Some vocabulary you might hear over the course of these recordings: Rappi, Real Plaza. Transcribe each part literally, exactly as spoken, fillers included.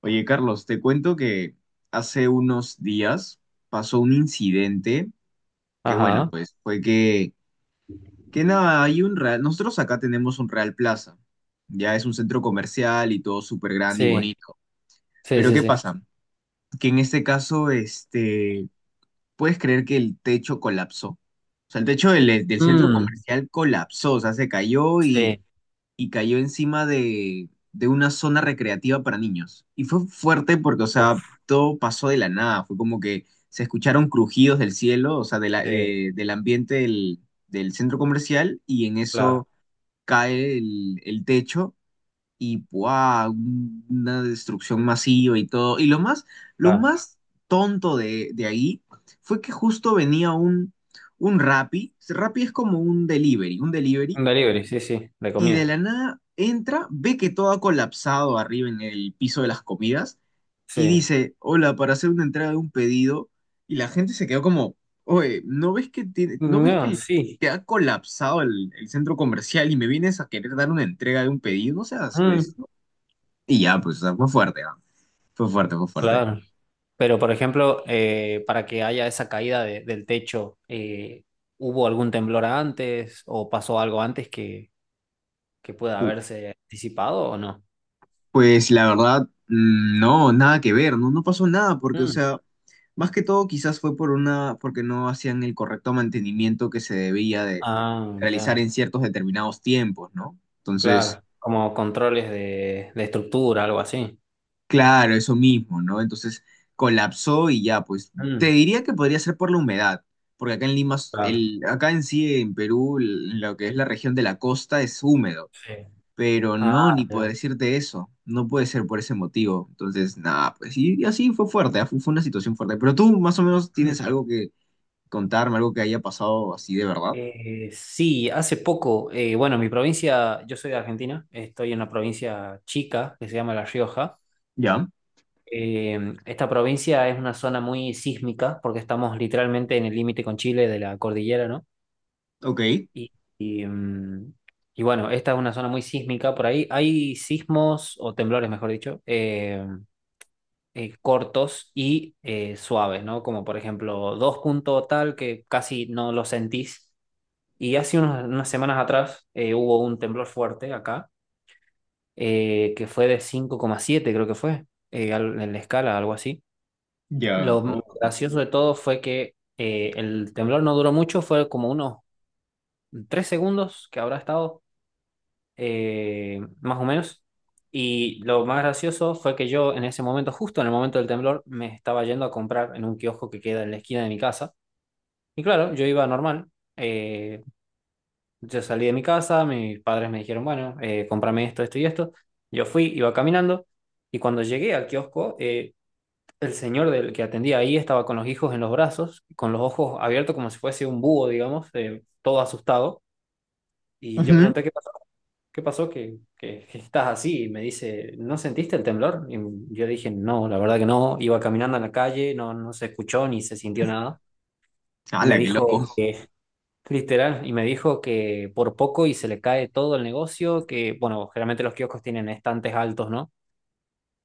Oye, Carlos, te cuento que hace unos días pasó un incidente que, bueno, Ajá, pues fue que, que nada, hay un Real, nosotros acá tenemos un Real Plaza, ya es un centro comercial y todo súper grande y sí, bonito, sí, pero sí, ¿qué sí. pasa? Que en este caso, este, puedes creer que el techo colapsó, o sea, el techo del, del centro Mm, comercial colapsó, o sea, se cayó y sí, y cayó encima de, de una zona recreativa para niños. Y fue fuerte porque, o sea, uf, todo pasó de la nada. Fue como que se escucharon crujidos del cielo, o sea, de la- sí, de- del ambiente del, del centro comercial, y en claro, eso cae el, el techo y ¡buah! un- una destrucción masiva y todo. Y lo más, lo claro. más tonto de, de ahí fue que justo venía un, un Rappi. Rappi es como un delivery, un delivery Un delivery, sí, sí, de y de comida, la nada entra, ve que todo ha colapsado arriba en el piso de las comidas y sí. dice, hola, para hacer una entrega de un pedido. Y la gente se quedó como, oye, ¿no ves que tiene, no No, ves que, el- sí, que ha colapsado el, el centro comercial y me vienes a querer dar una entrega de un pedido? No seas, mm, pues, ¿no? Y ya, pues, o sea, fue fuerte, ah. Fue fuerte, fue fuerte. claro. Pero, por ejemplo, eh, para que haya esa caída de- del techo, eh, ¿hubo algún temblor antes o pasó algo antes que, que pueda Uh. haberse anticipado o no? Pues la verdad, mm, no, nada que ver, no, no pasó nada, porque, o Mm. sea, más que todo quizás fue por una, porque no hacían el correcto mantenimiento que se debía de Ah, realizar ya, en ciertos determinados tiempos, ¿no? Entonces, claro. Como controles de, de estructura, algo así. claro, eso mismo, ¿no? Entonces colapsó y ya, pues, te Mm, diría que podría ser por la humedad, porque acá en Lima, claro, el, acá en sí, en Perú, l- lo que es la región de la costa es húmedo. sí. Pero Ah, no, ni por ya. decirte eso. No puede ser por ese motivo. Entonces, nada, pues y, y así fue fuerte, ah. Fue, fue una situación fuerte. Pero tú más o menos tienes algo que contarme, algo que haya pasado así de verdad. Eh, sí, hace poco, eh, bueno, mi provincia, yo soy de Argentina, estoy en una provincia chica que se llama La Rioja. Ya, Eh, esta provincia es una zona muy sísmica porque estamos literalmente en el límite con Chile de la cordillera, ¿no? ok, Y, y, mm, y bueno, esta es una zona muy sísmica, por ahí hay sismos o temblores, mejor dicho, eh, eh, cortos y eh, suaves, ¿no? Como por ejemplo dos puntos tal que casi no lo sentís. Y hace unas, unas semanas atrás eh, hubo un temblor fuerte acá, eh, que fue de cinco coma siete, creo que fue, eh, al- en la escala, algo así. ya. Lo más Oh. gracioso de todo fue que eh, el temblor no duró mucho, fue como unos tres segundos que habrá estado, eh, más o menos. Y lo más gracioso fue que yo en ese momento, justo en el momento del temblor, me estaba yendo a comprar en un kiosco que queda en la esquina de mi casa. Y claro, yo iba normal. eh, Yo salí de mi casa, mis padres me dijeron, bueno, eh, cómprame esto, esto y esto. Yo fui, iba caminando y cuando llegué al kiosco, eh, el señor del que atendía ahí estaba con los hijos en los brazos, con los ojos abiertos como si fuese un búho, digamos, eh, todo asustado. Y yo Ujú. pregunté, ¿qué pasó? ¿Qué pasó? ¿Que, que, que estás así? Y me dice, ¿no sentiste el temblor? Y yo dije, no, la verdad que no. Iba caminando en la calle, no, no se escuchó ni se sintió nada. Y me ¡Hala, qué dijo loco! que literal, y me dijo que por poco y se le cae todo el negocio, que bueno, generalmente los kioscos tienen estantes altos, ¿no?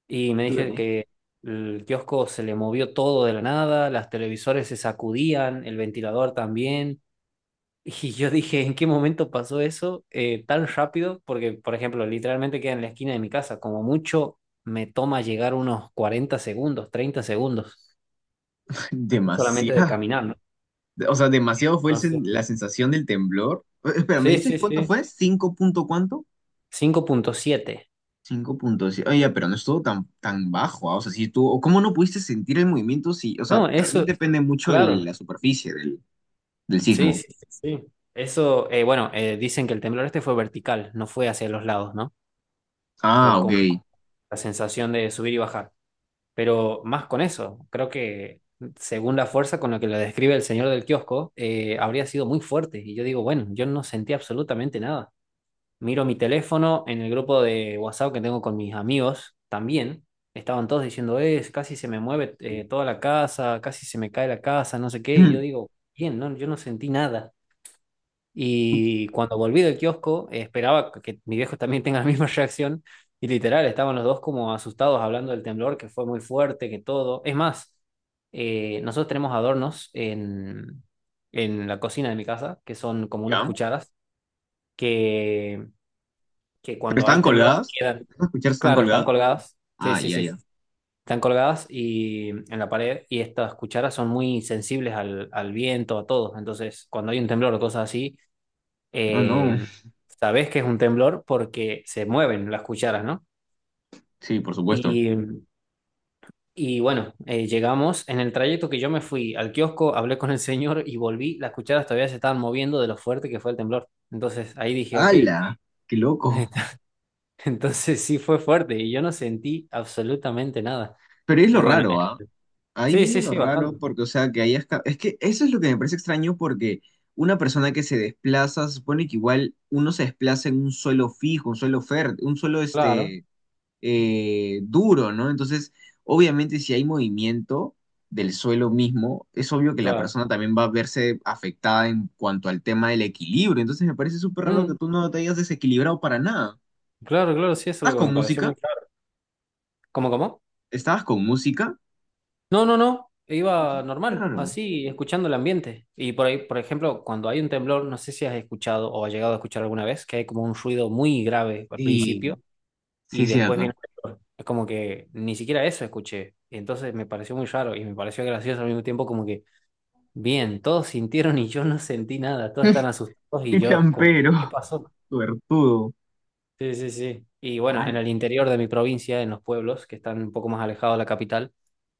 Y me dije Dígame. que el kiosco se le movió todo de la nada, las televisores se sacudían, el ventilador también. Y yo dije, ¿en qué momento pasó eso eh, tan rápido? Porque, por ejemplo, literalmente queda en la esquina de mi casa, como mucho me toma llegar unos cuarenta segundos, treinta segundos, solamente de Demasiado. caminar, ¿no? O sea, demasiado fue el Entonces, sen- la sensación del temblor. Eh, Espera, ¿me sí, dices sí, cuánto sí, fue? ¿Cinco punto cuánto? cinco punto siete. Cinco puntos. Oye, pero no estuvo tan, tan bajo, ah. O sea, si tú, o ¿cómo no pudiste sentir el movimiento? Si, o sea, No, también eso, depende mucho de claro, la superficie del, del sí, sismo. sí, sí. Sí. Eso, eh, bueno, eh, dicen que el temblor este fue vertical, no fue hacia los lados, ¿no? Ah, Fue ok. con la sensación de subir y bajar. Pero más con eso, creo que según la fuerza con la que lo describe el señor del kiosco, eh, habría sido muy fuerte. Y yo digo, bueno, yo no sentí absolutamente nada. Miro mi teléfono en el grupo de WhatsApp que tengo con mis amigos también. Estaban todos diciendo, es, casi se me mueve eh, toda la casa, casi se me cae la casa, no sé qué. Y yo Mm. digo, bien, no, yo no sentí nada. Y cuando volví del kiosco, eh, esperaba que mi viejo también tenga la misma reacción. Y literal, estaban los dos como asustados hablando del temblor, que fue muy fuerte, que todo. Es más, eh, nosotros tenemos adornos en, en la cocina de mi casa, que son como unas ¿Ya? cucharas, que que ¿Pero cuando están hay temblor colgadas? quedan, ¿Puedo escuchar si están claro, están colgadas? colgadas. Sí, Ah, sí, ya, sí. ya. Están colgadas y en la pared y estas cucharas son muy sensibles al, al viento, a todo. Entonces, cuando hay un temblor o cosas así, No, eh, no. sabes que es un temblor porque se mueven las cucharas, ¿no? Sí, por supuesto. Y, y bueno, eh, llegamos en el trayecto que yo me fui al kiosco, hablé con el señor y volví, las cucharas todavía se estaban moviendo de lo fuerte que fue el temblor. Entonces ahí dije, ok. ¡Hala! ¡Qué loco! Entonces sí fue fuerte y yo no sentí absolutamente nada. Pero es lo Y bueno, eh, raro, ¿ah? Ahí sí, viene sí, lo sí, raro bastante. porque, o sea, que hayas... ca- Es que eso es lo que me parece extraño porque una persona que se desplaza, se supone que igual uno se desplaza en un suelo fijo, un suelo fértil, un suelo, Claro, este, eh, duro, ¿no? Entonces, obviamente si hay movimiento del suelo mismo, es obvio que la claro. persona también va a verse afectada en cuanto al tema del equilibrio. Entonces, me parece súper raro que Mm, tú no te hayas desequilibrado para nada. claro, claro, sí, eso es ¿Estás lo que me con pareció muy música? claro. ¿Cómo, cómo? ¿Estabas con música? No, no, no. Iba Entonces, qué normal, raro. así, escuchando el ambiente. Y por ahí, por ejemplo, cuando hay un temblor, no sé si has escuchado o has llegado a escuchar alguna vez, que hay como un ruido muy grave al Sí, principio sí y es después cierto. viene el temblor. Es como que ni siquiera eso escuché. Y entonces me pareció muy raro y me pareció gracioso al mismo tiempo, como que, bien, todos sintieron y yo no sentí nada, todos están asustados y Qué yo como champero, que, ¿qué pasó? suertudo. Sí, sí, sí. Y bueno, Ay, en el interior de mi provincia, en los pueblos que están un poco más alejados de la capital,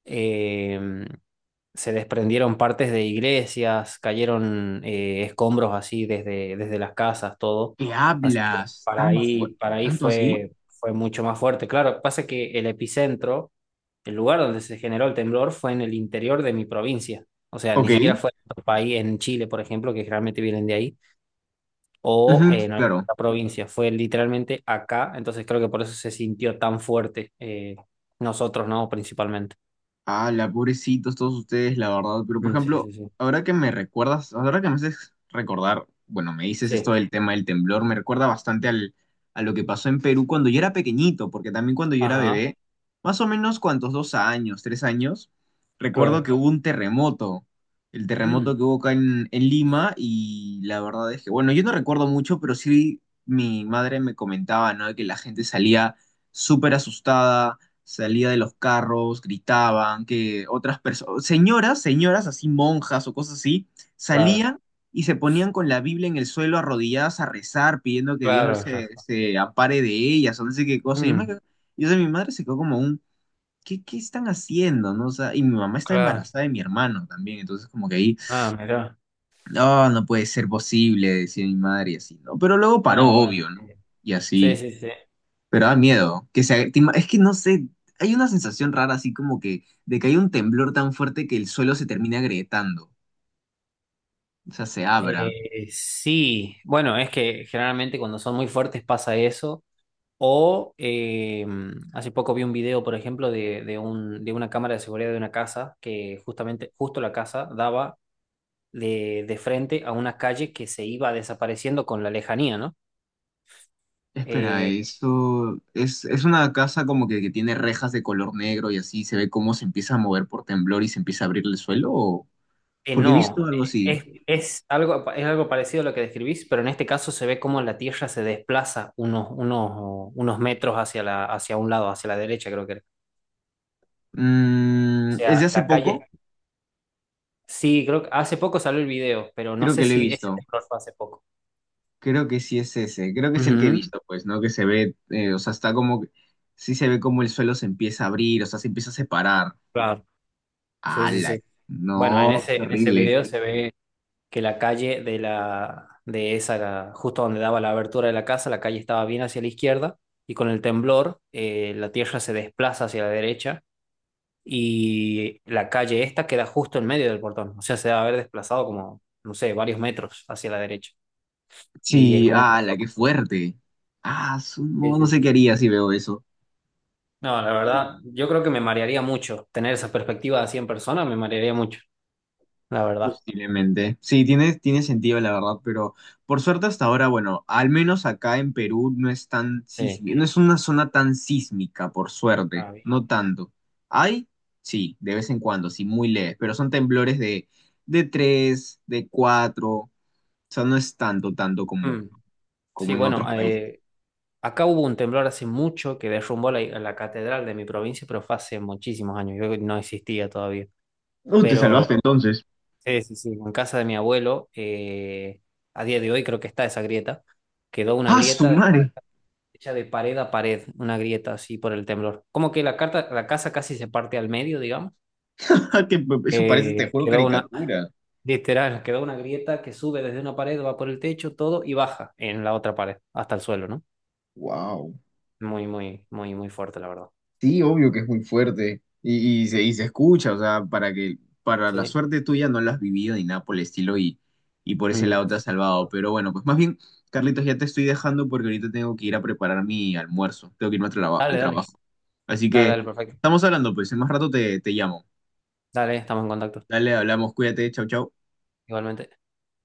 eh, se desprendieron partes de iglesias, cayeron eh, escombros así desde, desde las casas, todo. ¿qué Así que hablas? para ¿Tan fu- ahí, para ahí Tanto así? fue, fue mucho más fuerte. Claro, pasa que el epicentro, el lugar donde se generó el temblor, fue en el interior de mi provincia. O sea, Ok. ni siquiera fue en otro país, en Chile, por ejemplo, que realmente vienen de ahí o Ujú, en alguna claro. otra provincia. Fue literalmente acá, entonces creo que por eso se sintió tan fuerte eh, nosotros, ¿no? Principalmente. Ah, la pobrecitos todos ustedes, la verdad. Pero, por Mm, sí, ejemplo, sí, sí. ahora que me recuerdas, ahora que me haces recordar, bueno, me dices esto Sí. del tema del temblor, me recuerda bastante al, a lo que pasó en Perú cuando yo era pequeñito, porque también cuando yo era Ajá, bebé, más o menos cuántos dos años, tres años, recuerdo claro. que hubo un terremoto, el terremoto Mm, que hubo acá en, en Lima, y la verdad es que, bueno, yo no recuerdo mucho, pero sí mi madre me comentaba, ¿no? De que la gente salía súper asustada, salía de los carros, gritaban, que otras personas, señoras, señoras así, monjas o cosas así, claro, salían y se ponían con la Biblia en el suelo arrodilladas a rezar, pidiendo que Dios los- claro, se, Rafa. se ampare de ellas o no sé qué cosa. Y yo, me Mm, quedo- y, o sea, mi madre se quedó como un, ¿qué, qué están haciendo?, ¿no? O sea, y mi mamá está claro. embarazada de mi hermano también, entonces como que ahí, Ah, mira. no, no puede ser posible, decía mi madre y así, ¿no? Pero luego paró, No, bueno, obvio, sí. ¿no? Y Sí, así. sí, sí. Pero da miedo. Que se, te ima- es que no sé, hay una sensación rara así como que de que hay un temblor tan fuerte que el suelo se termina agrietando. O sea, se abra. Eh, sí, bueno, es que generalmente cuando son muy fuertes pasa eso. O eh, hace poco vi un video, por ejemplo, de, de, un, de una cámara de seguridad de una casa que justamente, justo la casa daba de, de frente a una calle que se iba desapareciendo con la lejanía, ¿no? Espera, Eh, eso es, es una casa como que, que tiene rejas de color negro y así se ve cómo se empieza a mover por temblor y se empieza a abrir el suelo. ¿O? eh, Porque he visto no, eh, algo así. es, es algo, es algo parecido a lo que describís, pero en este caso se ve cómo la Tierra se desplaza unos, unos, unos metros hacia la, hacia un lado, hacia la derecha, creo que era. O Mm, es de sea, hace la poco, calle, sí, creo que hace poco salió el video, pero no creo sé que lo he si ese visto. temblor fue hace poco. Creo que sí es ese. Creo que es el que he Ujú, visto, pues, ¿no? Que se ve, eh, o sea, está como, que- sí se ve como el suelo se empieza a abrir, o sea, se empieza a separar. claro, sí, sí, ¡Hala! sí. Bueno, en No, qué ese, en ese horrible. video se ve que la calle de la de esa, la- justo donde daba la abertura de la casa, la calle estaba bien hacia la izquierda y con el temblor eh, la tierra se desplaza hacia la derecha y la calle esta queda justo en medio del portón, o sea, se debe haber desplazado como, no sé, varios metros hacia la derecha y es Sí, muy ¡hala! ¡Qué loco. fuerte! Ah, su- Sí, no, no sí, sé sí, qué sí. haría si veo eso. No, la verdad, yo creo que me marearía mucho tener esa perspectiva así en persona, me marearía mucho, la verdad. Posiblemente. Sí, tiene, tiene sentido, la verdad, pero por suerte hasta ahora, bueno, al menos acá en Perú no es tan Sí. sísmica, no es una zona tan sísmica, por suerte, Ah, bien. no tanto. Hay, sí, de vez en cuando, sí, muy leves, pero son temblores de, de tres de cuatro, o sea, no es tanto, tanto como, Mm. como Sí, en bueno, otros países. eh, acá hubo un temblor hace mucho que derrumbó la, la catedral de mi provincia, pero fue hace muchísimos años, yo no existía todavía. No, te Pero salvaste entonces. sí, sí, sí, en casa de mi abuelo, eh, a día de hoy creo que está esa grieta, quedó una ¡Ah, su grieta madre! hecha de pared a pared, una grieta así por el temblor. Como que la, carta, la casa casi se parte al medio, digamos. Que eso parece, te Eh, juro, quedó una, caricatura. literal, quedó una grieta que sube desde una pared, va por el techo, todo, y baja en la otra pared, hasta el suelo, ¿no? Wow. Muy, muy, muy, muy fuerte, la verdad. Sí, obvio que es muy fuerte. Y, y se, y se escucha, o sea, para que, para la Sí. suerte tuya no lo has vivido ni nada por el estilo y, y por ese Mm. lado te Sí, has sí, la salvado. verdad. Pero bueno, pues más bien, Carlitos, ya te estoy dejando porque ahorita tengo que ir a preparar mi almuerzo. Tengo que irme al, traba- al Dale, dale. trabajo. Así Dale, que dale, perfecto. estamos hablando, pues en más rato te, te llamo. Dale, estamos en contacto. Dale, hablamos, cuídate, chau, chau. Igualmente.